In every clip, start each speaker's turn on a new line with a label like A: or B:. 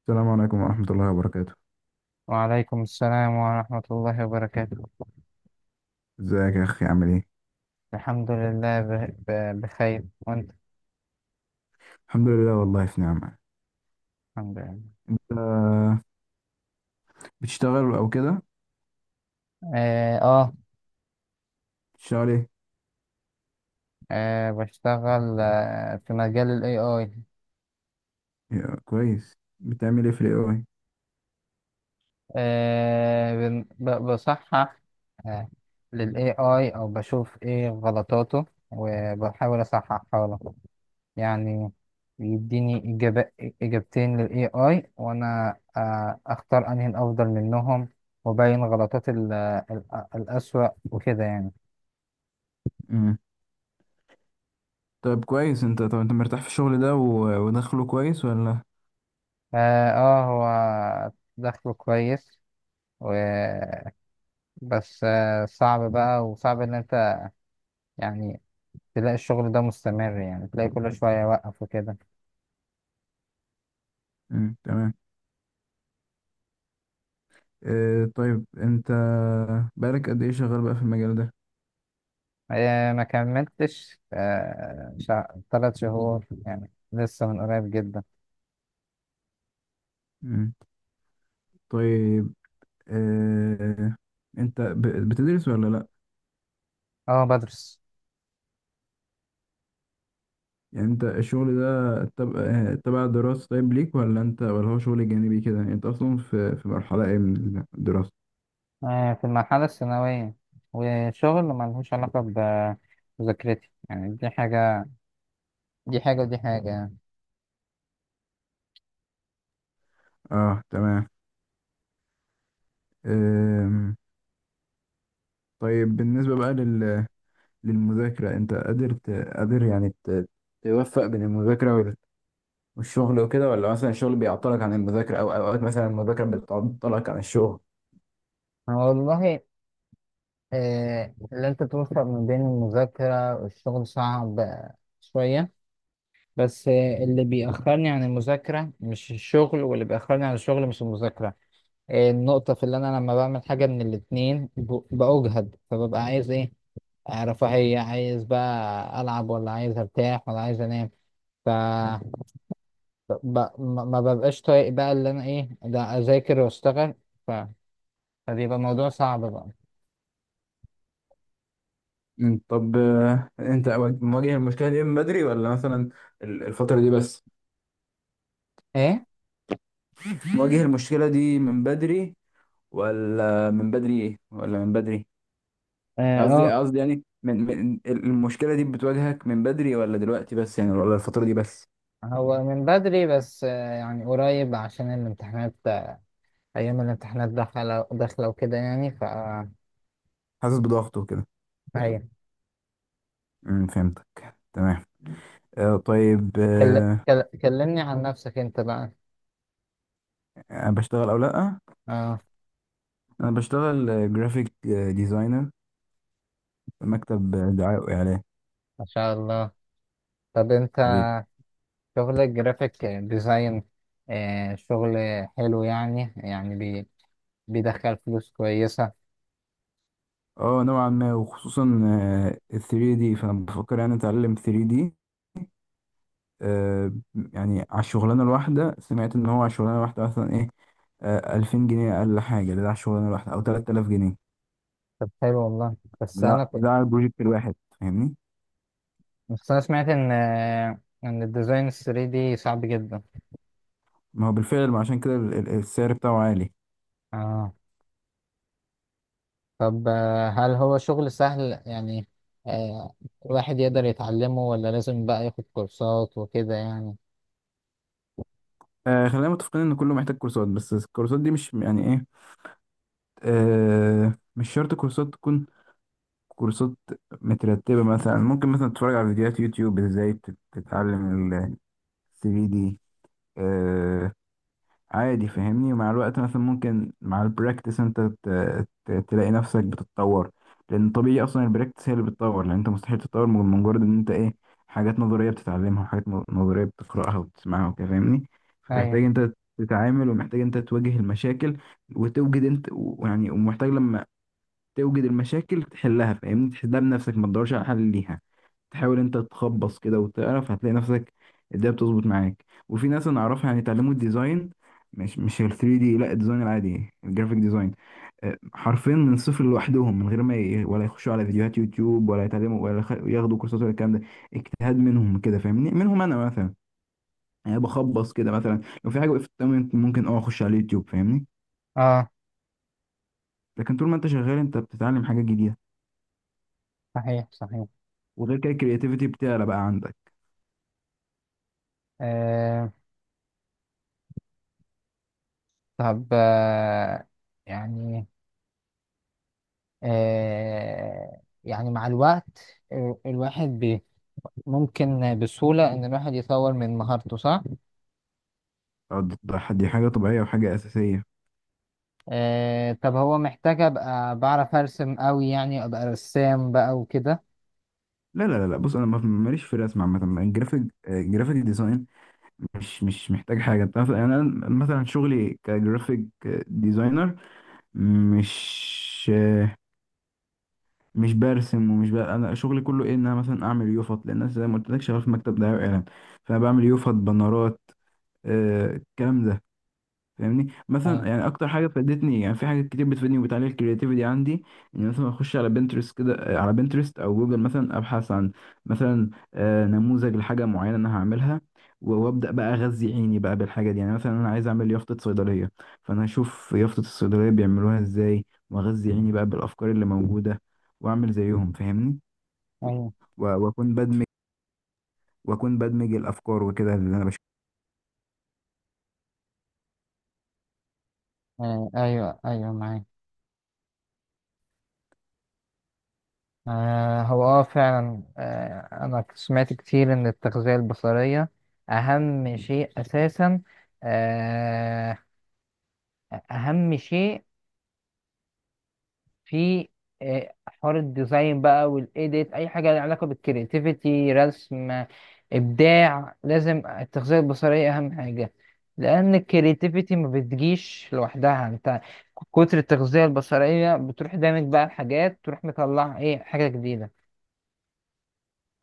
A: السلام عليكم ورحمة الله وبركاته.
B: وعليكم السلام ورحمة الله وبركاته.
A: ازيك يا اخي، عامل ايه؟
B: الحمد لله، بخير، وانت؟
A: الحمد لله، والله في نعمة.
B: الحمد لله.
A: آه، بتشتغل او كده؟
B: اه، آه.
A: بتشتغل ايه؟
B: بشتغل في مجال ال AI.
A: يا كويس، بتعمل ايه في الاي اي؟
B: بصحح آه لل AI، او بشوف ايه غلطاته وبحاول اصححها له، يعني يديني إجابة، إجابتين لل AI، وانا اختار انهي الافضل منهم، وبين غلطات الأسوأ وكده، يعني.
A: مم. طيب كويس. انت طب انت مرتاح في الشغل ده ودخله كويس ولا؟
B: اه، آه، هو دخله كويس و... بس صعب بقى، وصعب ان انت، يعني، تلاقي الشغل ده مستمر، يعني تلاقي كل شوية يوقف وكده.
A: مم. تمام. آه طيب انت بقالك قد ايه شغال بقى في المجال ده؟
B: ما كملتش 3 شهور، يعني لسه من قريب جدا.
A: مم. طيب، آه، انت بتدرس ولا لا؟
B: اه، بدرس.
A: يعني انت الشغل ده تبع الدراسة طيب ليك، ولا انت ولا هو شغل جانبي كده؟ انت اصلا في مرحلة ايه من الدراسة؟
B: في المرحلة الثانوية، وشغل ملهوش علاقة بمذاكرتي، يعني دي حاجة ودي حاجة، يعني.
A: اه تمام. أم. طيب بالنسبة بقى لل... للمذاكرة، انت قادر ت... قادر يعني ت... توفق بين المذاكرة وال... والشغل وكده، ولا مثلا الشغل بيعطلك عن المذاكرة، او اوقات مثلا المذاكرة بتعطلك عن الشغل؟
B: والله، اللي انت توفق ما بين المذاكرة والشغل صعب شوية، بس اللي بيأخرني عن المذاكرة مش الشغل، واللي بيأخرني عن الشغل مش المذاكرة. النقطة في اللي أنا لما بعمل حاجة من الاتنين بأجهد، فببقى عايز إيه، رفاهية، عايز بقى ألعب، ولا عايز أرتاح، ولا عايز أنام. ف ما ببقاش طايق بقى، اللي أنا إيه ده، أذاكر وأشتغل. ف... فبيبقى الموضوع صعب بقى.
A: مم، طب آه، انت أو- مواجه المشكلة دي من بدري، ولا مثلا الفترة دي بس؟
B: إيه؟
A: مواجه المشكلة دي من بدري، ولا من بدري ايه، ولا من بدري، قصدي
B: اه،
A: قصدي، يعني من المشكلة دي بتواجهك من بدري، ولا دلوقتي بس يعني، ولا الفترة دي بس؟
B: هو من بدري، بس يعني قريب عشان الامتحانات، أيام الامتحانات داخلة داخلة وكده، يعني
A: حاسس بضغط وكده.
B: هي.
A: امم، فهمتك تمام. آه طيب آه،
B: كلمني عن نفسك أنت بقى.
A: انا بشتغل او لا.
B: اه.
A: انا بشتغل جرافيك ديزاينر في مكتب، آه، دعاية واعلان.
B: ما شاء الله. طب أنت
A: حبيبي.
B: شغل الجرافيك ديزاين، شغل حلو، يعني بيدخل فلوس كويسة.
A: اه نوعا ما، وخصوصا آه، ال 3 دي، فانا بفكر يعني اتعلم 3 دي. آه، يعني على الشغلانة الواحدة، سمعت إن هو على الشغلانة الواحدة مثلا إيه، آه، ألفين جنيه أقل حاجة، ده على الشغلانة الواحدة، أو تلات آلاف جنيه.
B: طب حلو والله، بس
A: ده
B: أنا
A: ده على البروجكت الواحد، فاهمني؟
B: بس أنا سمعت إن الديزاين 3D صعب جدا.
A: ما هو بالفعل، ما عشان كده السعر بتاعه عالي.
B: اه، طب هل هو شغل سهل، يعني آه، الواحد يقدر يتعلمه، ولا لازم بقى ياخد كورسات وكده، يعني.
A: آه، خلينا متفقين إن كله محتاج كورسات، بس الكورسات دي مش يعني إيه، آه، مش شرط كورسات تكون كورسات مترتبة. مثلا ممكن مثلا تتفرج على فيديوهات يوتيوب إزاي تتعلم ال 3D عادي، فاهمني. ومع الوقت مثلا، ممكن مع البراكتس انت تلاقي نفسك بتتطور، لان طبيعي اصلا البراكتس هي اللي بتطور، لان انت مستحيل تتطور من مجرد ان انت ايه، حاجات نظريه بتتعلمها، وحاجات نظريه بتقراها وبتسمعها وكده، فاهمني.
B: ايوه.
A: فمحتاج انت تتعامل، ومحتاج انت تواجه المشاكل، وتوجد انت ويعني، ومحتاج لما توجد المشاكل تحلها، فاهمني، تحلها بنفسك، ما تدورش على حل ليها. تحاول انت تخبص كده وتعرف، هتلاقي نفسك الدنيا بتظبط معاك. وفي ناس انا اعرفها يعني اتعلموا الديزاين، مش ال 3 دي، لا الديزاين العادي، الجرافيك ديزاين، آه، حرفيا من الصفر لوحدهم، من غير ما ي... ولا يخشوا على فيديوهات يوتيوب، ولا يتعلموا، ولا يخ... ياخدوا كورسات ولا الكلام ده. اجتهاد منهم كده، فاهمني، منهم انا مثلا، يعني بخبص كده. مثلا لو في حاجه وقفت قدامي، ممكن اه اخش على اليوتيوب، فاهمني.
B: اه.
A: لكن طول ما انت شغال انت بتتعلم حاجات جديده.
B: صحيح، صحيح.
A: وغير كده، الكرياتيفيتي بتعلى بقى عندك.
B: آه طب يعني يعني مع الوقت الواحد ممكن بسهولة ان الواحد يطور من مهارته، صح؟
A: آه، دي حاجه طبيعيه وحاجه اساسيه.
B: طب هو محتاج ابقى بعرف ارسم قوي، يعني ابقى رسام بقى وكده.
A: لا لا لا لا، بص انا ماليش في الرسم عامه. الجرافيك، آه، الجرافيك ديزاين، مش محتاج حاجه، انت عارف يعني. انا مثلا شغلي كجرافيك، آه، ديزاينر، مش آه، مش برسم ومش ب... انا شغلي كله ايه، ان انا مثلا اعمل يوفط، لان انا زي ما قلت لك شغال في مكتب دعايه واعلان. فانا بعمل يوفط بنرات، آه، الكلام ده، فاهمني. مثلا
B: ايوه،
A: يعني اكتر حاجه فادتني، يعني في حاجات كتير بتفيدني وبتعلي الكرياتيفيتي عندي، ان مثلا اخش على بنترست كده، آه، على بنترست او جوجل، مثلا ابحث عن مثلا آه، نموذج لحاجه معينه انا هعملها، وابدا بقى اغذي عيني بقى بالحاجه دي. يعني مثلا انا عايز اعمل يافطه صيدليه، فانا اشوف يافطه الصيدليه بيعملوها ازاي، واغذي عيني بقى بالافكار اللي موجوده، واعمل زيهم، فاهمني.
B: ايوه.
A: و- واكون بدمج واكون بدمج الافكار وكده اللي انا بشوفها.
B: ايوه، ايوه، معاك. هو فعلا، انا سمعت كتير ان التغذية البصرية اهم شيء اساسا. آه اهم شيء في حوار الديزاين بقى، والايديت، اي حاجة لها علاقة بالكرياتيفيتي، رسم، ابداع، لازم التغذية البصرية اهم حاجة، لان الكرياتيفيتي ما بتجيش لوحدها، انت كتر التغذية البصرية بتروح دامج بقى الحاجات، تروح مطلع ايه حاجة جديدة.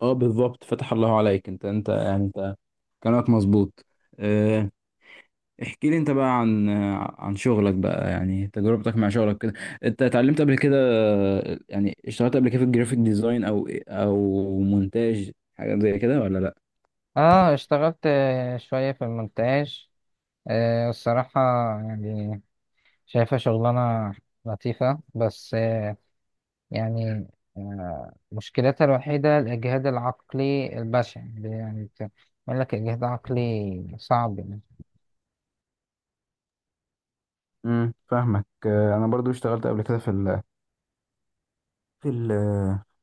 A: اه بالظبط، فتح الله عليك. انت انت كلامك مظبوط. احكي لي انت بقى عن عن شغلك بقى، يعني تجربتك مع شغلك كده. انت اتعلمت قبل كده، يعني اشتغلت قبل كده في الجرافيك ديزاين، او او مونتاج، حاجة زي كده ولا لا؟
B: اه، اشتغلت شوية في المونتاج، الصراحة يعني، شايفها شغلانة لطيفة، بس يعني مشكلتها الوحيدة الإجهاد العقلي البشع، يعني بيقول لك إجهاد عقلي صعب، يعني.
A: امم، فاهمك. آه، انا برضو اشتغلت قبل كده في ال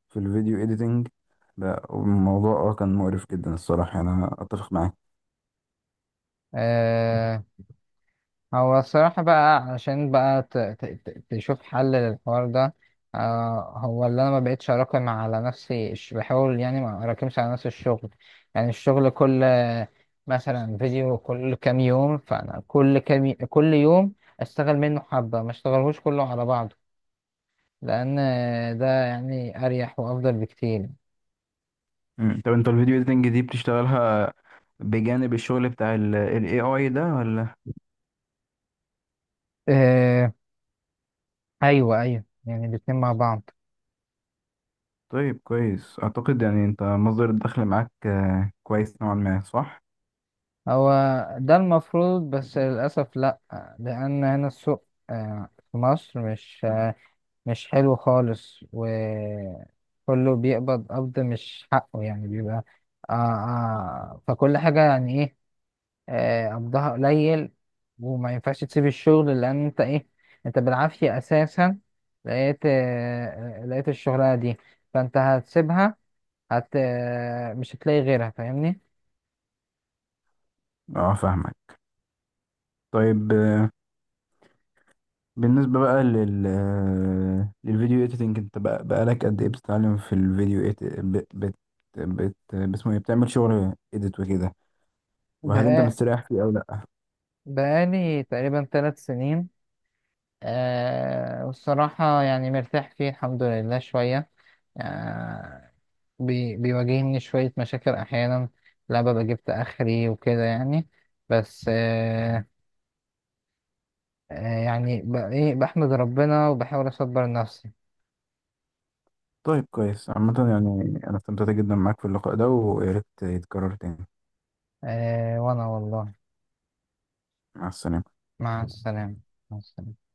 A: في الفيديو اديتنج. لا الموضوع اه كان مقرف جدا الصراحه، يعني انا اتفق معاك.
B: آه هو الصراحة بقى، عشان بقى تشوف حل للحوار ده. هو اللي أنا ما بقتش أراكم على نفسي بحاول يعني ما أراكمش على نفسي الشغل، يعني الشغل كل مثلا فيديو كل كام يوم، فأنا كل يوم أشتغل منه حبة، ما أشتغلهوش كله على بعضه، لأن ده يعني أريح وأفضل بكتير.
A: مم. طب انت الفيديو اديتنج دي بتشتغلها بجانب الشغل بتاع ال AI ده ولا؟
B: آه أيوه، أيوه، يعني الاتنين مع بعض.
A: طيب كويس، أعتقد يعني أنت مصدر الدخل معاك آه، كويس نوعا ما، صح؟
B: هو ده المفروض، بس للأسف لأ، لأن هنا السوق في مصر مش حلو خالص، وكله بيقبض قبض مش حقه، يعني بيبقى فكل حاجة يعني إيه، قبضها قليل، وما ينفعش تسيب الشغل لأن أنت إيه، أنت بالعافية أساسا لقيت الشغلانة دي، فأنت هتسيبها، هت آه، مش هتلاقي غيرها، فاهمني؟
A: أه فاهمك. طيب آه، بالنسبة بقى لل آه، للفيديو إيديتنج، أنت بقى بقالك قد إيه بتتعلم في الفيديو إيت بت بت بت باسمه إيه؟ بتعمل شغل إيديت وكده، وهل أنت مستريح فيه أو لأ؟
B: بقالي تقريبا 3 سنين. والصراحة يعني مرتاح فيه الحمد لله، شوية آه بيواجهني شوية مشاكل أحيانا، لا ببقى جبت آخري وكده، يعني، بس يعني ب- إيه بحمد ربنا وبحاول أصبر نفسي.
A: طيب كويس عامة. يعني أنا استمتعت جدا معاك في اللقاء ده، ويا ريت يتكرر تاني.
B: وأنا والله.
A: مع السلامة.
B: مع السلامة. مع السلامة